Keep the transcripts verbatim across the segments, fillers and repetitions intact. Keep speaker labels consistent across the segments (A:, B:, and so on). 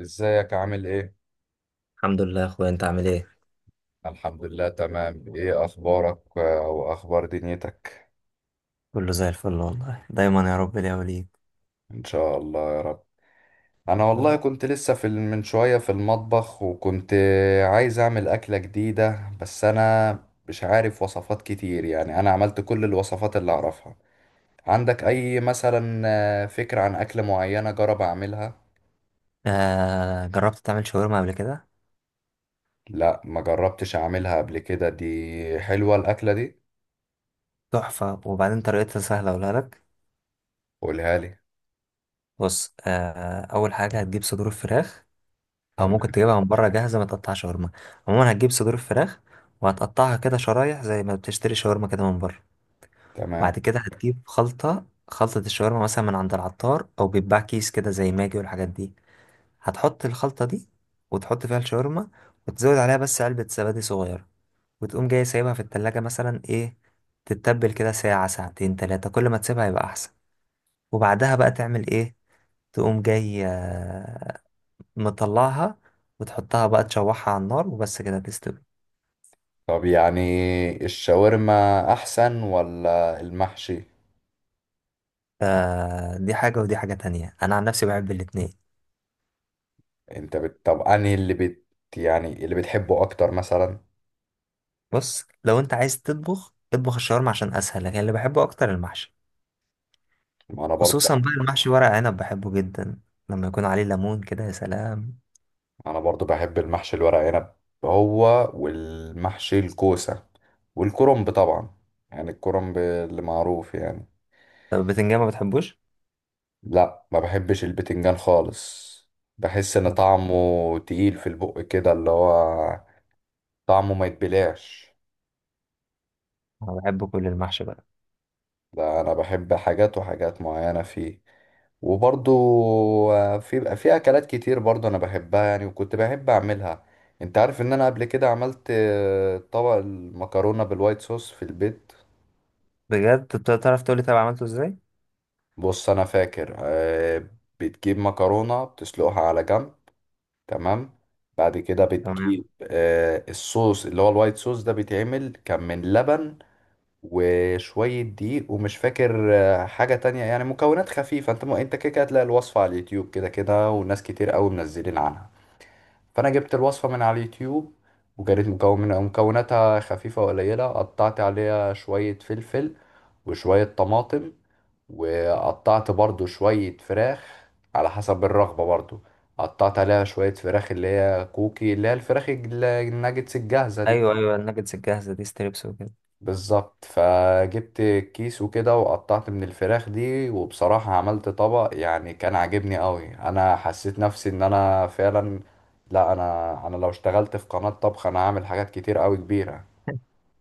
A: ازيك عامل ايه؟
B: الحمد لله يا اخويا، انت عامل ايه؟
A: الحمد لله تمام. ايه اخبارك، آه، واخبار دنيتك؟
B: كله زي الفل والله، دايما يا رب ليا وليك.
A: ان شاء الله يا رب. انا
B: يا
A: والله
B: رب.
A: كنت لسه في ال- من شوية في المطبخ، وكنت عايز اعمل اكلة جديدة، بس انا مش عارف وصفات كتير، يعني انا عملت كل الوصفات اللي اعرفها. عندك اي مثلا آه، فكرة عن اكلة معينة جرب اعملها؟
B: آه، جربت تعمل شاورما قبل كده؟
A: لا، ما جربتش اعملها قبل كده. دي حلوة الاكلة دي.
B: تحفة، وبعدين طريقتها سهلة أقولها لك.
A: قولها لي.
B: بص، آه أول حاجة هتجيب صدور الفراخ، أو ممكن
A: تمام.
B: تجيبها من بره جاهزة ما تقطع شاورما. عموما هتجيب صدور الفراخ، وهتقطعها كده شرايح زي ما بتشتري شاورما كده من بره.
A: تمام.
B: بعد كده هتجيب خلطة خلطة الشاورما، مثلا من عند العطار أو بيتباع كيس كده زي ماجي والحاجات دي. هتحط الخلطة دي، وتحط فيها الشاورما، وتزود عليها بس علبة زبادي صغيرة، وتقوم جاي سايبها في التلاجة مثلا، ايه، تتبل كده ساعة ساعتين تلاتة، كل ما تسيبها يبقى أحسن. وبعدها بقى تعمل ايه؟ تقوم جاي، آه، مطلعها وتحطها بقى، تشوحها على النار وبس كده تستوي.
A: طب يعني الشاورما احسن ولا المحشي؟
B: فدي حاجة ودي حاجة تانية، أنا عن نفسي بحب الاتنين.
A: انت بت... طب انهي اللي بت، يعني اللي بتحبه اكتر مثلا؟
B: بص، لو أنت عايز تطبخ اطبخ الشاورما عشان أسهل، لكن اللي بحبه أكتر المحشي.
A: ما انا برضو
B: خصوصا
A: بحب.
B: بقى المحشي ورق عنب، بحبه جدا لما يكون عليه ليمون كده، يا سلام.
A: انا برضو بحب المحشي الورق عنب، هو والمحشي الكوسة والكرنب طبعا، يعني الكرنب اللي معروف يعني.
B: طب البتنجان ما بتحبوش؟
A: لا، ما بحبش البتنجان خالص. بحس ان طعمه تقيل في البق كده، اللي هو طعمه ما يتبلعش.
B: أنا بحب كل المحشي بقى.
A: ده انا بحب حاجات وحاجات معينة فيه. وبرضو آه، في بقى في اكلات كتير برضو انا بحبها يعني، وكنت بحب اعملها. انت عارف ان انا قبل كده عملت آه، طبق المكرونة بالوايت صوص في البيت.
B: بجد؟ طب تعرف تقولي طب عملته ازاي.
A: بص، انا فاكر آه، بتجيب مكرونة بتسلقها على جنب. تمام. بعد كده
B: تمام.
A: بتجيب آه، الصوص اللي هو الوايت صوص ده، بيتعمل كان من لبن وشوية دقيق، ومش فاكر آه، حاجة تانية يعني. مكونات خفيفة. انت م... انت كده كده هتلاقي الوصفة على اليوتيوب كده كده، وناس كتير قوي منزلين عنها. فانا جبت الوصفة من على اليوتيوب، وكانت مكون... مكوناتها خفيفة وقليلة. قطعت عليها شوية فلفل وشوية طماطم، وقطعت برضو شوية فراخ على حسب الرغبة برضو. قطعت عليها شوية فراخ اللي هي كوكي، اللي هي الفراخ الج- الناجتس الجاهزة دي.
B: ايوه، ايوه، الناجتس الجاهزه دي، ستريبس وكده.
A: بالظبط. فجبت كيس وكده، وقطعت من الفراخ دي، وبصراحة عملت طبق يعني كان عاجبني قوي. انا حسيت نفسي ان انا فعلا، لا، انا انا لو اشتغلت في قناة طبخ انا هعمل حاجات كتير قوي كبيرة.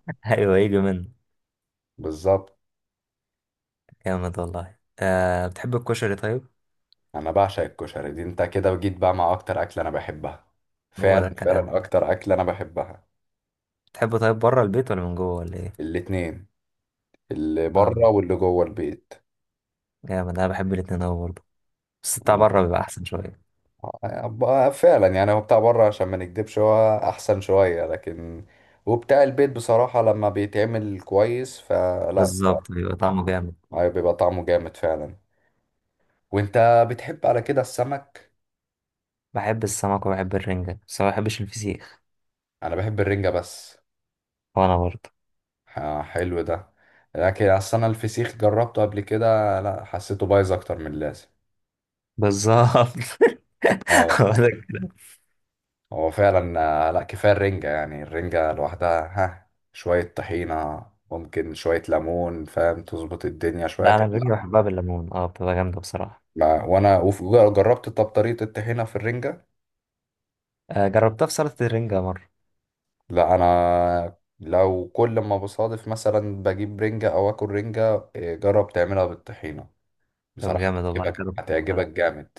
B: ايوه، يجي منه.
A: بالظبط.
B: جامد والله. آه، بتحب الكشري طيب؟
A: انا بعشق الكشري. دي انت كده وجيت بقى مع اكتر اكلة انا بحبها.
B: هو ده
A: فعلا،
B: الكلام.
A: فعلا اكتر اكلة انا بحبها.
B: بتحبه طيب بره البيت، ولا من جوه، ولا ايه؟
A: الاتنين، اللي بره
B: اه،
A: واللي جوه البيت.
B: جامد، انا بحب الاتنين اوي برضه، بس بتاع بره بيبقى احسن شويه.
A: ب- فعلا يعني، هو بتاع بره عشان ما نكدبش هو احسن شوية، لكن وبتاع البيت بصراحة لما بيتعمل كويس فلا بيبقى.
B: بالظبط، بيبقى طعمه جامد.
A: أيوة، بيبقى طعمه جامد فعلا. وانت بتحب على كده السمك؟
B: بحب السمك وبحب الرنجه، بس ما بحبش الفسيخ.
A: انا بحب الرنجة بس.
B: وانا برضه.
A: ح- حلو ده. لكن اصل انا الفسيخ جربته قبل كده، لا، حسيته بايظ اكتر من اللازم.
B: بالظبط.
A: اه
B: هو
A: والله.
B: ده الكلام.
A: هو فعلا. آه، لا، كفاية الرنجة يعني، الرنجة لوحدها، ها، شوية طحينة، ممكن شوية ليمون، فاهم، تظبط الدنيا شوية.
B: لا، انا الرنجه بحبها بالليمون، اه بتبقى جامده بصراحه.
A: ما وانا. وجربت طب طريقة الطحينة في الرنجة؟
B: آه، جربتها في سلطه الرنجه مره.
A: لا، انا لو كل ما بصادف مثلا بجيب رنجة او اكل رنجة إيه، جرب تعملها بالطحينة،
B: طب
A: بصراحة
B: جامد والله،
A: هتعجبك،
B: جربت.
A: هتعجبك جامد.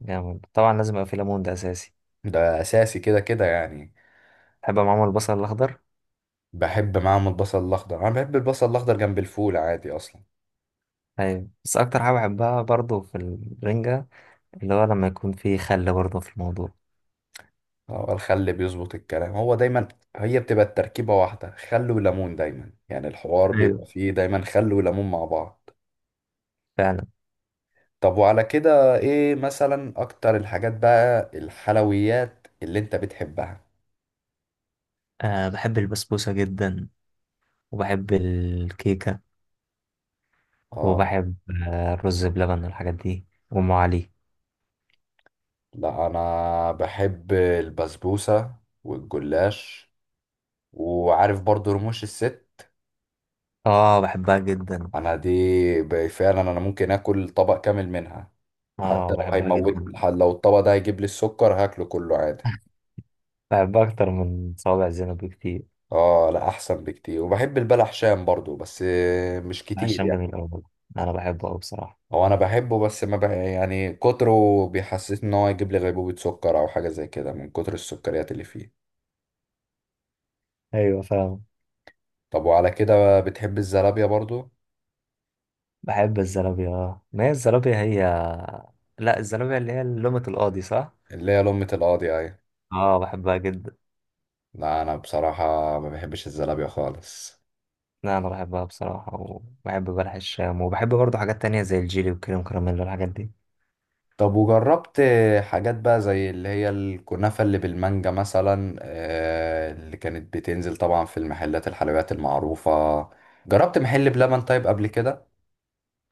B: جامد، طبعا لازم يبقى في ليمون، ده اساسي.
A: ده اساسي كده كده يعني.
B: بحب معاهم البصل الاخضر.
A: بحب معاهم البصل الاخضر. انا بحب البصل الاخضر جنب الفول عادي اصلا.
B: طيب، بس اكتر حاجه بحبها برضو في الرنجه، اللي هو لما يكون في خل برضو في الموضوع.
A: هو الخل بيظبط الكلام هو دايما. هي بتبقى التركيبة واحدة، خل وليمون دايما، يعني الحوار
B: ايوه،
A: بيبقى فيه دايما خل وليمون مع بعض.
B: فعلا.
A: طب وعلى كده ايه مثلا اكتر الحاجات بقى الحلويات اللي انت بتحبها؟
B: أه، بحب البسبوسه جدا، وبحب الكيكه،
A: اه.
B: وبحب آه، الرز بلبن والحاجات دي وام علي.
A: لا انا بحب البسبوسة والجلاش، وعارف برضو رموش الست.
B: اه، بحبها جدا.
A: انا دي، ب- فعلا انا ممكن اكل طبق كامل منها. حتى
B: اه،
A: لو
B: بحبها جدا.
A: هيموتني، ح- لو الطبق ده هيجيب لي السكر هاكله كله عادي.
B: بحبها اكتر من صوابع زينب بكتير.
A: اه لا، احسن بكتير. وبحب البلح شام برضو، بس مش
B: عشان
A: كتير.
B: جميل قوي. انا بحبه قوي بصراحه.
A: هو انا بحبه، بس ما بح... يعني كتره بيحسسني ان هو يجيب لي غيبوبة سكر او حاجة زي كده من كتر السكريات اللي فيه.
B: ايوه فاهم.
A: طب وعلى كده بقى بتحب الزلابية برضو؟
B: بحب الزلابية، اه ما هي الزلابية هي. لا، الزلابية اللي هي لومة القاضي صح؟
A: اللي هي لمة القاضي اهي.
B: اه، بحبها جدا.
A: لا انا بصراحة ما بحبش الزلابية خالص.
B: لا، انا بحبها بصراحة، وبحب بلح الشام، وبحب برضه حاجات تانية زي الجيلي والكريم كراميل والحاجات دي.
A: طب وجربت حاجات بقى زي اللي هي الكنافة اللي بالمانجا مثلا، آه، اللي كانت بتنزل طبعا في المحلات الحلويات المعروفة؟ جربت محل بلبن طيب قبل كده؟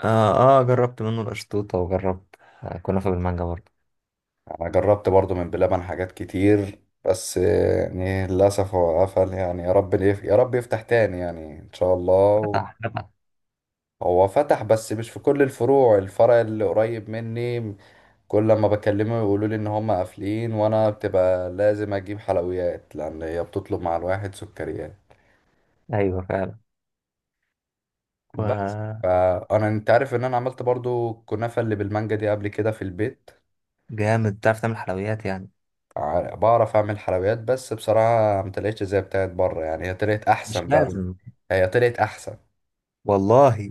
B: اه. اه، جربت منه القشطوطة، وجربت آه، كنافة بالمانجا برضه.
A: انا جربت برضو من بلبن حاجات كتير، بس يعني للاسف هو قفل. يعني يا رب يف- يا رب يفتح تاني يعني ان شاء الله.
B: فتح، فتح.
A: هو فتح بس مش في كل الفروع. الفرع اللي قريب مني كل لما بكلمه يقولوا لي ان هم قافلين، وانا بتبقى لازم اجيب حلويات لان هي بتطلب مع الواحد سكريات
B: ايوه فعلا،
A: بس.
B: وجامد.
A: فانا، انت عارف ان انا عملت برضو الكنافة اللي بالمانجا دي قبل كده في البيت.
B: تعرف تعمل حلويات يعني.
A: ع- بعرف اعمل حلويات، بس بصراحة ما طلعتش زي بتاعت بره، يعني هي طلعت
B: مش
A: احسن بقى.
B: لازم.
A: هي طلعت احسن.
B: والله.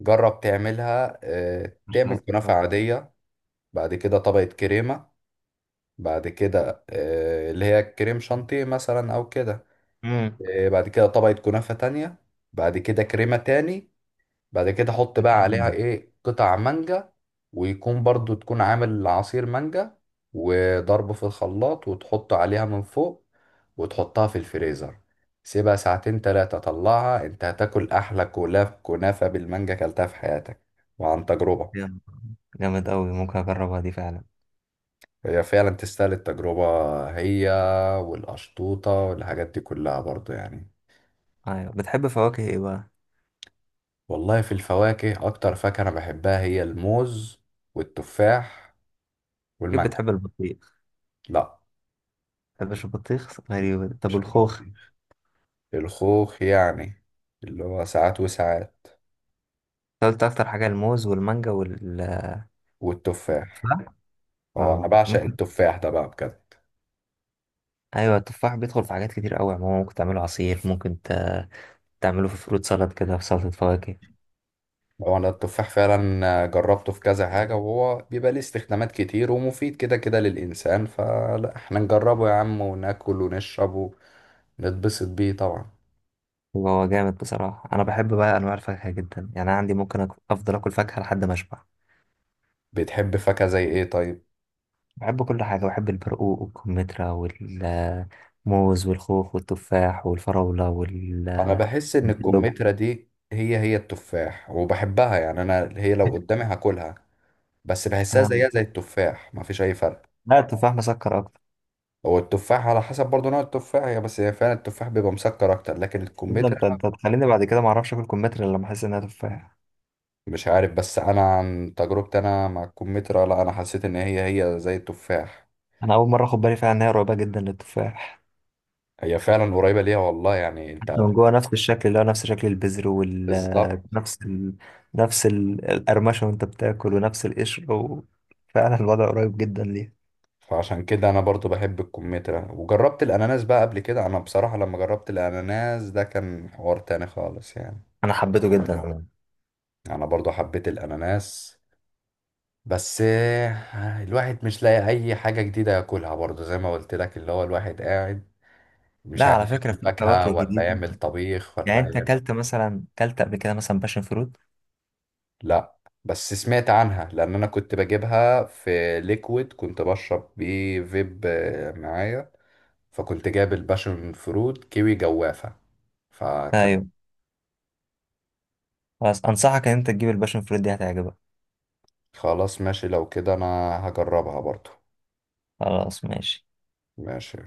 A: جرب تعملها، آه،
B: ما
A: تعمل
B: شاء
A: كنافة
B: الله.
A: عادية، بعد كده طبقة كريمة، بعد كده آه، اللي هي كريم شانتيه مثلا او كده،
B: امم.
A: آه، بعد كده طبقة كنافة تانية، بعد كده كريمة تاني، بعد كده حط بقى عليها
B: جامد
A: ايه قطع مانجا، ويكون برضو تكون عامل عصير مانجا وضربه في الخلاط وتحط عليها من فوق، وتحطها في الفريزر، سيبها ساعتين تلاتة، طلعها. انت هتاكل احلى كولاف كنافة بالمانجا كلتها في حياتك، وعن تجربة.
B: جامد أوي، ممكن أجربها دي فعلا.
A: هي فعلا تستاهل التجربة هي، والقشطوطة والحاجات دي كلها برضو يعني.
B: أيوة، بتحب فواكه إيه بقى؟
A: والله في الفواكه اكتر فاكهة انا بحبها هي الموز والتفاح
B: كيف
A: والمانجا.
B: بتحب البطيخ؟
A: لا.
B: بتحبش البطيخ؟ غريبة دي. طب
A: مش البط
B: والخوخ؟
A: الخوخ يعني، اللي هو ساعات وساعات.
B: أنت قلت أكتر حاجة الموز والمانجا والتفاح؟
A: والتفاح، اه انا
B: اه
A: بعشق
B: ممكن.
A: التفاح ده بقى بجد.
B: أيوة، التفاح بيدخل في حاجات كتير أوي، عموما ممكن تعمله عصير، ممكن ت- تعمله في فروت سالاد كده، في سلطة فواكه.
A: هو انا التفاح فعلا جربته في كذا حاجة، وهو بيبقى ليه استخدامات كتير ومفيد كده كده للإنسان، فلا احنا نجربه يا عم، وناكل ونشرب ونتبسط بيه طبعا.
B: هو جامد بصراحة، أنا بحب بقى أنواع الفاكهة جدا يعني، أنا عندي ممكن أك- أفضل آكل فاكهة لحد ما أشبع.
A: بتحب فاكهة زي ايه طيب؟
B: بحب كل حاجة، بحب البرقوق والكمثرى والموز والخوخ والتفاح والفراولة وال
A: انا بحس ان
B: الكلوب.
A: الكمثرى دي هي هي التفاح، وبحبها يعني، انا هي لو قدامي هاكلها، بس بحسها
B: آه.
A: زيها زي التفاح، مفيش اي فرق.
B: لا، التفاح مسكر أكتر.
A: هو التفاح على حسب برضه نوع التفاح هي، بس هي فعلا التفاح بيبقى مسكر اكتر لكن
B: ده
A: الكمثرى،
B: انت انت تخليني بعد كده ما اعرفش اكل كمثرى الا لما احس انها تفاح.
A: مش عارف، بس انا عن تجربتي انا مع الكمثرى، لا انا حسيت ان هي هي زي التفاح.
B: انا اول مره اخد بالي فعلا انها قريبه جدا للتفاح.
A: هي فعلا قريبة ليها والله يعني انت.
B: حتى من جوه نفس الشكل، اللي هو نفس شكل البذر وال
A: بالظبط.
B: نفس ال... نفس ال- القرمشه، وانت بتاكل، ونفس القشر و... فعلا الوضع قريب جدا ليه.
A: فعشان كده انا برضو بحب الكمثرى. وجربت الاناناس بقى قبل كده؟ انا بصراحة لما جربت الاناناس ده كان حوار تاني خالص يعني.
B: انا حبيته جدا عموما.
A: انا برضو حبيت الاناناس. بس الواحد مش لاقي اي حاجة جديدة ياكلها برضو، زي ما قلت لك، اللي هو الواحد قاعد مش
B: لا،
A: عارف
B: على فكره
A: ياكل
B: في
A: فاكهة
B: فواكه
A: ولا
B: جديده.
A: يعمل طبيخ
B: يعني
A: ولا
B: انت
A: يعمل.
B: اكلت مثلا اكلت قبل كده مثلا باشن فروت؟
A: لا، بس سمعت عنها، لأن أنا كنت بجيبها في ليكويد كنت بشرب بيه فيب آه، معايا، فكنت جايب الباشن فروت كيوي جوافة، فكان.
B: ايوه. خلاص، انصحك ان انت تجيب الباشن فروت دي، هتعجبك.
A: خلاص ماشي. لو كده أنا هجربها برضو.
B: خلاص ماشي.
A: ماشي.